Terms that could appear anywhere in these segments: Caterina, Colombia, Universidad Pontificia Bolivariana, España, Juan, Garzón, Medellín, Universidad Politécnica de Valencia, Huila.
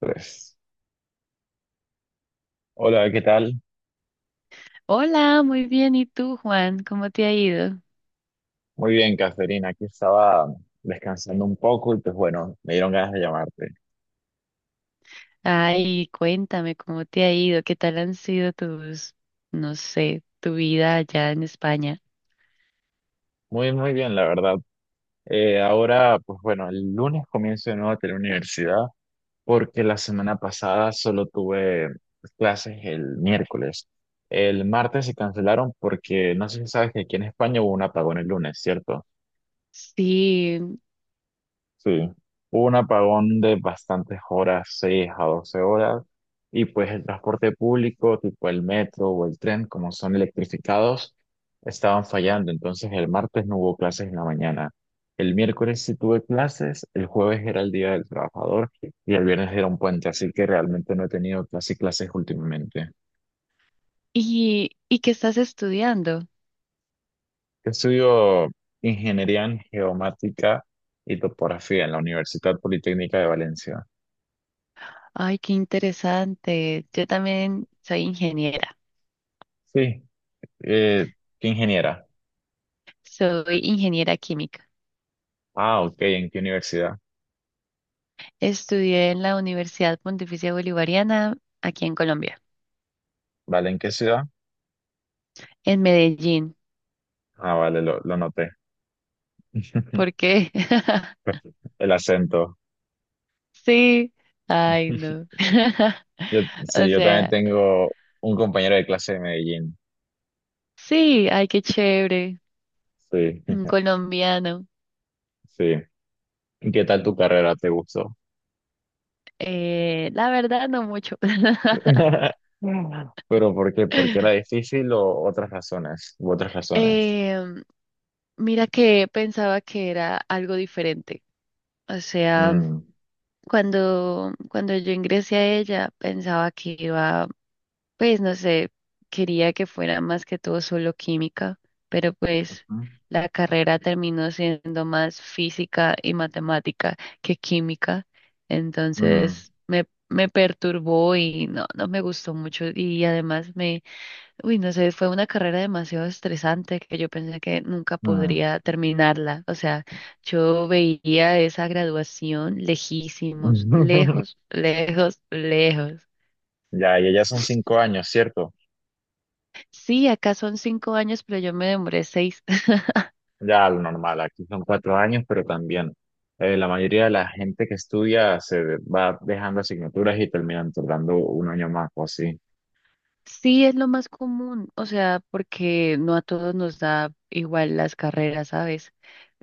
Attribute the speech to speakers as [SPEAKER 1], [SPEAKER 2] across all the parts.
[SPEAKER 1] Tres. Hola, ¿qué tal?
[SPEAKER 2] Hola, muy bien. ¿Y tú, Juan? ¿Cómo te ha ido?
[SPEAKER 1] Muy bien, Caterina. Aquí estaba descansando un poco y pues bueno, me dieron ganas de llamarte.
[SPEAKER 2] Ay, cuéntame cómo te ha ido, qué tal han sido tus, no sé, tu vida allá en España.
[SPEAKER 1] Muy, muy bien, la verdad. Ahora, pues bueno, el lunes comienzo de nuevo a la universidad porque la semana pasada solo tuve pues, clases el miércoles. El martes se cancelaron porque no sé si sabes que aquí en España hubo un apagón el lunes, ¿cierto?
[SPEAKER 2] Sí,
[SPEAKER 1] Sí, hubo un apagón de bastantes horas, 6 a 12 horas, y pues el transporte público, tipo el metro o el tren, como son electrificados, estaban fallando. Entonces el martes no hubo clases en la mañana. El miércoles sí tuve clases, el jueves era el Día del Trabajador y el viernes era un puente, así que realmente no he tenido casi clases últimamente.
[SPEAKER 2] ¿y qué estás estudiando?
[SPEAKER 1] Yo estudio ingeniería en geomática y topografía en la Universidad Politécnica de Valencia.
[SPEAKER 2] Ay, qué interesante. Yo también
[SPEAKER 1] Sí, eh, ¿qué ingeniera?
[SPEAKER 2] soy ingeniera química.
[SPEAKER 1] Ah, ok, ¿en qué universidad?
[SPEAKER 2] Estudié en la Universidad Pontificia Bolivariana, aquí en Colombia,
[SPEAKER 1] ¿Vale? ¿En qué ciudad?
[SPEAKER 2] en Medellín.
[SPEAKER 1] Ah, vale, lo noté.
[SPEAKER 2] ¿Por qué?
[SPEAKER 1] El acento.
[SPEAKER 2] Sí, ay, no.
[SPEAKER 1] Yo,
[SPEAKER 2] O
[SPEAKER 1] sí, yo también
[SPEAKER 2] sea,
[SPEAKER 1] tengo un compañero de clase de Medellín.
[SPEAKER 2] sí, ay, qué chévere.
[SPEAKER 1] Sí,
[SPEAKER 2] Un colombiano.
[SPEAKER 1] sí. ¿Qué tal tu carrera? ¿Te gustó?
[SPEAKER 2] La verdad, no mucho.
[SPEAKER 1] ¿Pero por qué? ¿Porque era difícil o otras razones? ¿U otras razones?
[SPEAKER 2] Em, mira que pensaba que era algo diferente. O sea,
[SPEAKER 1] Mm,
[SPEAKER 2] cuando yo ingresé a ella, pensaba que iba. Pues no sé, quería que fuera más que todo solo química, pero pues la carrera terminó siendo más física y matemática que química,
[SPEAKER 1] mm,
[SPEAKER 2] entonces me perturbó y no, no me gustó mucho y además me, uy, no sé, fue una carrera demasiado estresante que yo pensé que nunca
[SPEAKER 1] mm.
[SPEAKER 2] podría terminarla, o sea, yo veía esa graduación lejísimos, lejos, lejos, lejos.
[SPEAKER 1] Ya, y ya son 5 años, ¿cierto?
[SPEAKER 2] Sí, acá son 5 años, pero yo me demoré seis.
[SPEAKER 1] Ya lo normal, aquí son 4 años, pero también la mayoría de la gente que estudia se va dejando asignaturas y terminan tardando un año más o así.
[SPEAKER 2] Sí, es lo más común, o sea, porque no a todos nos da igual las carreras, ¿sabes?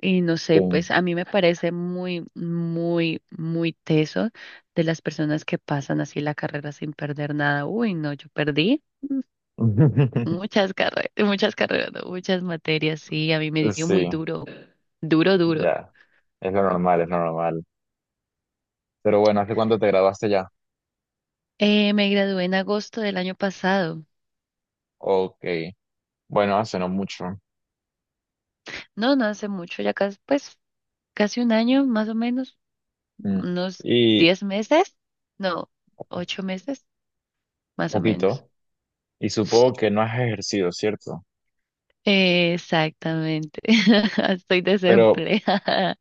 [SPEAKER 2] Y no
[SPEAKER 1] Sí,
[SPEAKER 2] sé, pues a mí me parece muy, muy, muy teso de las personas que pasan así la carrera sin perder nada. Uy, no, yo perdí mm, muchas carreras, no, muchas materias, sí, a mí me dio muy
[SPEAKER 1] Sí,
[SPEAKER 2] duro, duro, duro.
[SPEAKER 1] ya, es lo normal, es lo normal. Pero bueno, ¿hace cuánto te graduaste ya?
[SPEAKER 2] Me gradué en agosto del año pasado.
[SPEAKER 1] Ok, bueno, hace no mucho.
[SPEAKER 2] No, no hace mucho, ya casi, pues casi un año, más o menos,
[SPEAKER 1] Mm.
[SPEAKER 2] unos
[SPEAKER 1] Y
[SPEAKER 2] 10 meses, no, 8 meses, más o menos.
[SPEAKER 1] poquito. Y supongo que no has ejercido, ¿cierto?
[SPEAKER 2] Exactamente, estoy
[SPEAKER 1] Pero,
[SPEAKER 2] desempleada.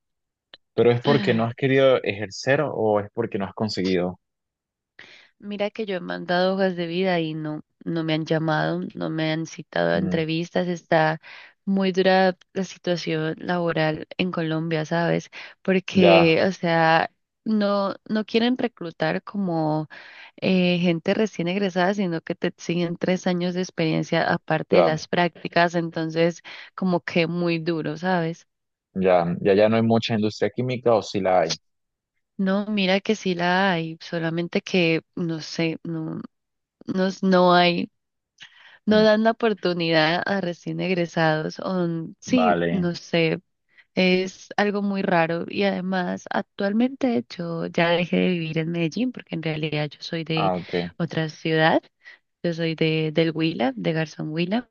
[SPEAKER 1] pero ¿es porque no has querido ejercer o es porque no has conseguido?
[SPEAKER 2] Mira que yo he mandado hojas de vida y no, no me han llamado, no me han citado a
[SPEAKER 1] Mm,
[SPEAKER 2] entrevistas, está muy dura la situación laboral en Colombia, ¿sabes?
[SPEAKER 1] ya,
[SPEAKER 2] Porque, o sea, no, no quieren reclutar como gente recién egresada, sino que te exigen 3 años de experiencia aparte de
[SPEAKER 1] ya.
[SPEAKER 2] las prácticas, entonces como que muy duro, ¿sabes?
[SPEAKER 1] Ya, ya, ya no hay mucha industria química o si la hay.
[SPEAKER 2] No, mira que sí la hay, solamente que no sé, no, no hay, no
[SPEAKER 1] Mm,
[SPEAKER 2] dan la oportunidad a recién egresados, o sí,
[SPEAKER 1] vale.
[SPEAKER 2] no sé. Es algo muy raro y además actualmente yo ya dejé de vivir en Medellín porque en realidad yo soy de
[SPEAKER 1] Ah, ok,
[SPEAKER 2] otra ciudad, yo soy de del Huila, de Garzón Huila.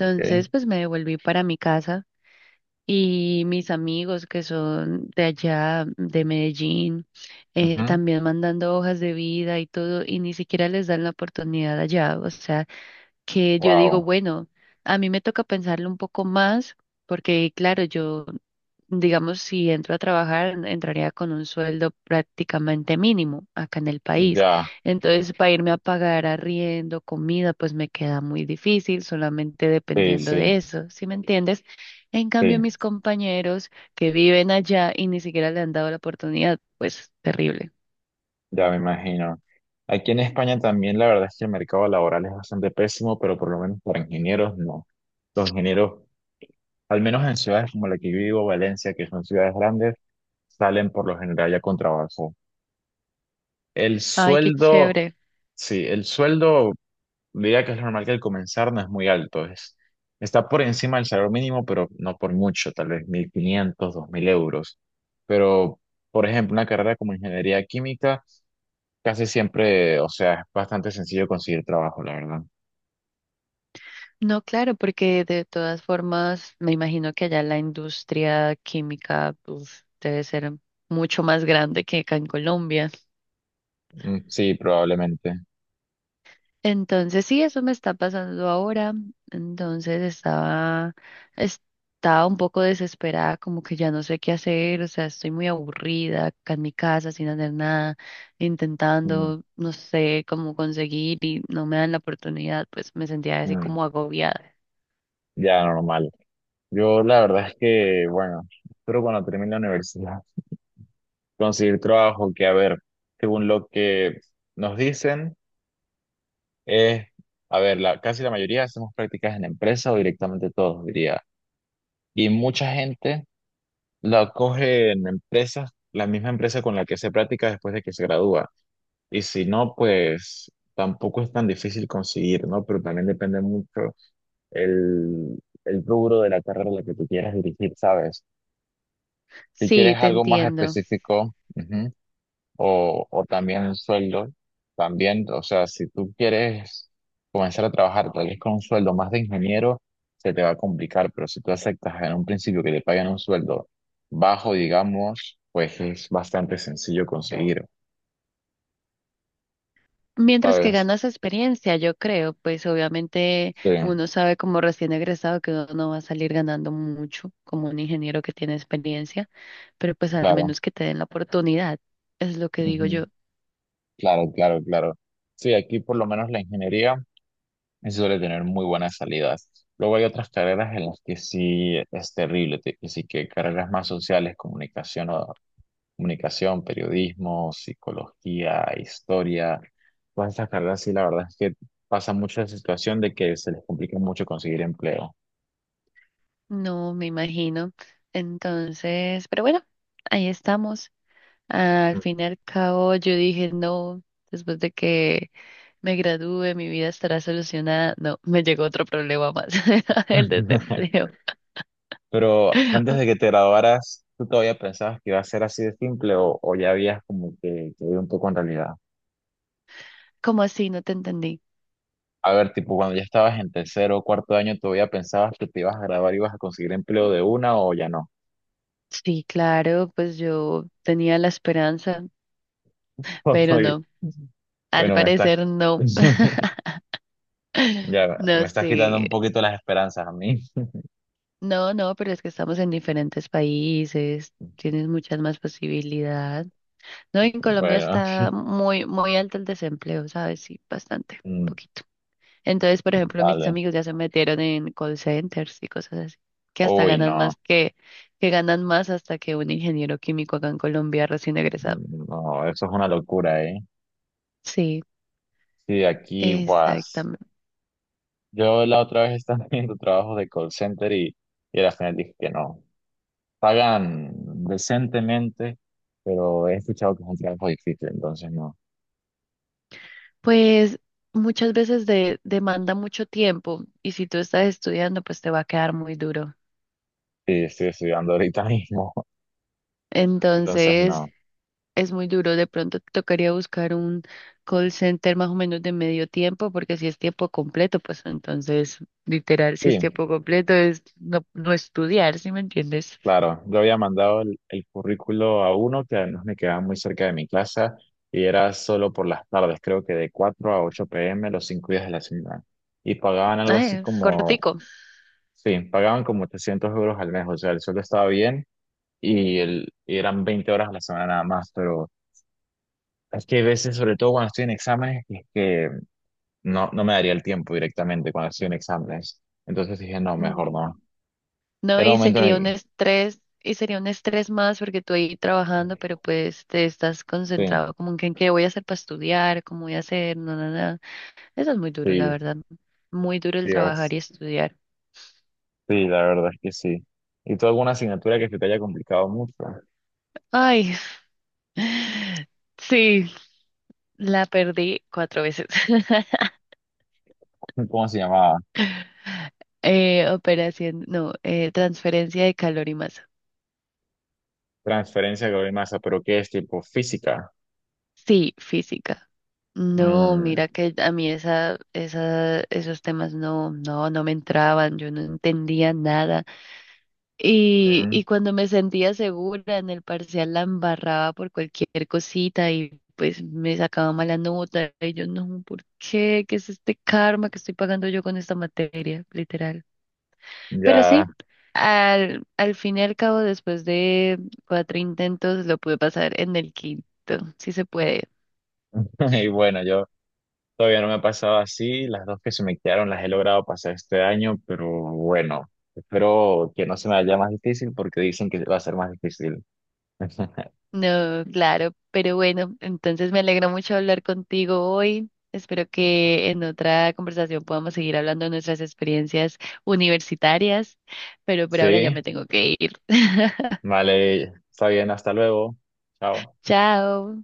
[SPEAKER 1] ok.
[SPEAKER 2] pues me devolví para mi casa y mis amigos que son de allá, de Medellín,
[SPEAKER 1] Ujú.
[SPEAKER 2] también mandando hojas de vida y todo, y ni siquiera les dan la oportunidad allá. O sea, que yo digo,
[SPEAKER 1] Wow.
[SPEAKER 2] bueno, a mí me toca pensarlo un poco más, porque claro, yo, digamos, si entro a trabajar, entraría con un sueldo prácticamente mínimo acá en el país.
[SPEAKER 1] Ya,
[SPEAKER 2] Entonces, para irme a pagar arriendo, comida, pues me queda muy difícil, solamente
[SPEAKER 1] sí,
[SPEAKER 2] dependiendo
[SPEAKER 1] sí,
[SPEAKER 2] de eso, ¿sí me entiendes? En cambio,
[SPEAKER 1] sí,
[SPEAKER 2] mis compañeros que viven allá y ni siquiera le han dado la oportunidad, pues terrible.
[SPEAKER 1] ya me imagino. Aquí en España también la verdad es que el mercado laboral es bastante pésimo, pero por lo menos para ingenieros no. Los ingenieros, al menos en ciudades como la que yo vivo, Valencia, que son ciudades grandes, salen por lo general ya con trabajo. El
[SPEAKER 2] Ay, qué
[SPEAKER 1] sueldo,
[SPEAKER 2] chévere.
[SPEAKER 1] sí, el sueldo diría que es normal que al comenzar no es muy alto, está por encima del salario mínimo, pero no por mucho, tal vez 1.500 dos mil euros. Pero, por ejemplo, una carrera como ingeniería química, casi siempre, o sea, es bastante sencillo conseguir trabajo, la verdad.
[SPEAKER 2] No, claro, porque de todas formas me imagino que allá la industria química uf, debe ser mucho más grande que acá en Colombia.
[SPEAKER 1] Mm, sí, probablemente.
[SPEAKER 2] Entonces, sí, eso me está pasando ahora. Entonces estaba, estaba un poco desesperada, como que ya no sé qué hacer, o sea, estoy muy aburrida acá en mi casa sin hacer nada,
[SPEAKER 1] Mm,
[SPEAKER 2] intentando, no sé cómo conseguir y no me dan la oportunidad, pues me sentía así
[SPEAKER 1] mm,
[SPEAKER 2] como agobiada.
[SPEAKER 1] ya, normal. Yo la verdad es que, bueno, espero cuando termine la universidad conseguir trabajo, que a ver, según lo que nos dicen. Eh, a ver, casi la mayoría hacemos prácticas en empresa o directamente todos, diría. Y mucha gente la coge en empresas, la misma empresa con la que hace práctica después de que se gradúa. Y si no, pues tampoco es tan difícil conseguir, ¿no? Pero también depende mucho el, el rubro de la carrera a la que tú quieras dirigir, ¿sabes? Si quieres
[SPEAKER 2] Sí, te
[SPEAKER 1] algo más
[SPEAKER 2] entiendo.
[SPEAKER 1] específico, ujú, o también el sueldo, también, o sea, si tú quieres comenzar a trabajar tal vez con un sueldo más de ingeniero, se te va a complicar, pero si tú aceptas en un principio que te pagan un sueldo bajo, digamos, pues es bastante sencillo conseguir,
[SPEAKER 2] Mientras que
[SPEAKER 1] ¿sabes?
[SPEAKER 2] ganas experiencia, yo creo, pues obviamente
[SPEAKER 1] Sí,
[SPEAKER 2] uno sabe como recién egresado que uno no va a salir ganando mucho como un ingeniero que tiene experiencia, pero pues al
[SPEAKER 1] claro,
[SPEAKER 2] menos que te den la oportunidad, es lo que digo
[SPEAKER 1] ujú,
[SPEAKER 2] yo.
[SPEAKER 1] claro, claro, claro. Sí, aquí por lo menos la ingeniería suele tener muy buenas salidas. Luego hay otras carreras en las que sí es terrible, que sí que carreras más sociales, comunicación, periodismo, psicología, historia, todas estas carreras, sí, la verdad es que pasa mucho la situación de que se les complica mucho conseguir empleo.
[SPEAKER 2] No me imagino. Entonces, pero bueno, ahí estamos. Al fin y al cabo, yo dije, no, después de que me gradúe, mi vida estará solucionada. No, me llegó otro problema más, el desempleo.
[SPEAKER 1] Pero antes de que te graduaras, ¿tú todavía pensabas que iba a ser así de simple o, ya habías como que ido un poco en realidad?
[SPEAKER 2] ¿Cómo así? No te entendí.
[SPEAKER 1] A ver, tipo, cuando ya estabas en tercero o cuarto año, ¿todavía pensabas que te ibas a graduar y ibas a conseguir empleo de una o ya no?
[SPEAKER 2] Sí, claro, pues yo tenía la esperanza, pero
[SPEAKER 1] Oye,
[SPEAKER 2] no, al
[SPEAKER 1] bueno,
[SPEAKER 2] parecer no,
[SPEAKER 1] ya, me
[SPEAKER 2] no
[SPEAKER 1] estás quitando un
[SPEAKER 2] sé,
[SPEAKER 1] poquito las esperanzas a mí.
[SPEAKER 2] no, no, pero es que estamos en diferentes países, tienes muchas más posibilidades. No, en Colombia
[SPEAKER 1] Bueno.
[SPEAKER 2] está muy, muy alto el desempleo, ¿sabes? Sí, bastante,
[SPEAKER 1] Mm,
[SPEAKER 2] poquito. Entonces, por ejemplo, mis
[SPEAKER 1] vale.
[SPEAKER 2] amigos ya se metieron en call centers y cosas así, que hasta
[SPEAKER 1] Uy,
[SPEAKER 2] ganan
[SPEAKER 1] no.
[SPEAKER 2] más que ganan más hasta que un ingeniero químico acá en Colombia recién egresado.
[SPEAKER 1] Mm, no, eso es una locura, ¿eh?
[SPEAKER 2] Sí,
[SPEAKER 1] Sí, aquí, pues.
[SPEAKER 2] exactamente.
[SPEAKER 1] Yo la otra vez estaba haciendo trabajos de call center y al final dije que no. Pagan decentemente, pero he escuchado que es un trabajo difícil, entonces no.
[SPEAKER 2] Pues muchas veces demanda mucho tiempo y si tú estás estudiando, pues te va a quedar muy duro.
[SPEAKER 1] Sí, estoy estudiando ahorita mismo, entonces
[SPEAKER 2] Entonces,
[SPEAKER 1] no.
[SPEAKER 2] es muy duro. De pronto te tocaría buscar un call center más o menos de medio tiempo, porque si es tiempo completo, pues entonces, literal, si es
[SPEAKER 1] Sí.
[SPEAKER 2] tiempo completo es no, no estudiar, ¿sí me entiendes?
[SPEAKER 1] Claro, yo había mandado el currículo a uno que además me quedaba muy cerca de mi casa y era solo por las tardes, creo que de cuatro a 8 pm los 5 días de la semana. Y pagaban algo
[SPEAKER 2] Ah,
[SPEAKER 1] así
[SPEAKER 2] es
[SPEAKER 1] como,
[SPEAKER 2] cortico.
[SPEAKER 1] sí, pagaban como 800 € al mes, o sea, el sueldo estaba bien y eran 20 horas a la semana nada más, pero es que hay veces, sobre todo cuando estoy en exámenes, es que no, no me daría el tiempo directamente cuando estoy en exámenes. Entonces dije, no, mejor
[SPEAKER 2] Mm.
[SPEAKER 1] no.
[SPEAKER 2] No,
[SPEAKER 1] Era
[SPEAKER 2] y
[SPEAKER 1] un momento en el
[SPEAKER 2] sería un
[SPEAKER 1] que.
[SPEAKER 2] estrés, y sería un estrés más porque tú ahí trabajando, pero pues te estás
[SPEAKER 1] Sí,
[SPEAKER 2] concentrado como en que en qué voy a hacer para estudiar, cómo voy a hacer, no, no, no. Eso es muy duro, la
[SPEAKER 1] sí,
[SPEAKER 2] verdad. Muy duro el
[SPEAKER 1] sí.
[SPEAKER 2] trabajar y estudiar.
[SPEAKER 1] Sí, la verdad es que sí. ¿Y tú alguna asignatura que se te haya complicado mucho?
[SPEAKER 2] Ay, sí, la perdí 4 veces.
[SPEAKER 1] ¿Cómo se llamaba?
[SPEAKER 2] Operación, no, transferencia de calor y masa.
[SPEAKER 1] Transferencia de calor y masa, pero ¿qué es tipo física?
[SPEAKER 2] Sí, física. No,
[SPEAKER 1] Mm,
[SPEAKER 2] mira que a mí esos temas no, no, no me entraban, yo no entendía nada. Y,
[SPEAKER 1] mm,
[SPEAKER 2] y cuando me sentía segura en el parcial la embarraba por cualquier cosita y pues me sacaba mala nota y yo no, ¿por qué? ¿Qué es este karma que estoy pagando yo con esta materia? Literal. Pero sí,
[SPEAKER 1] ya.
[SPEAKER 2] al fin y al cabo, después de 4 intentos, lo pude pasar en el quinto. Sí se puede.
[SPEAKER 1] Y bueno, yo todavía no me ha pasado así. Las dos que se me quedaron las he logrado pasar este año, pero bueno, espero que no se me haya más difícil porque dicen que va a ser más difícil.
[SPEAKER 2] No, claro, pero bueno, entonces me alegro mucho hablar contigo hoy. Espero que en otra conversación podamos seguir hablando de nuestras experiencias universitarias, pero por ahora ya
[SPEAKER 1] Sí,
[SPEAKER 2] me tengo que ir.
[SPEAKER 1] vale, está bien, hasta luego. Chao.
[SPEAKER 2] Chao.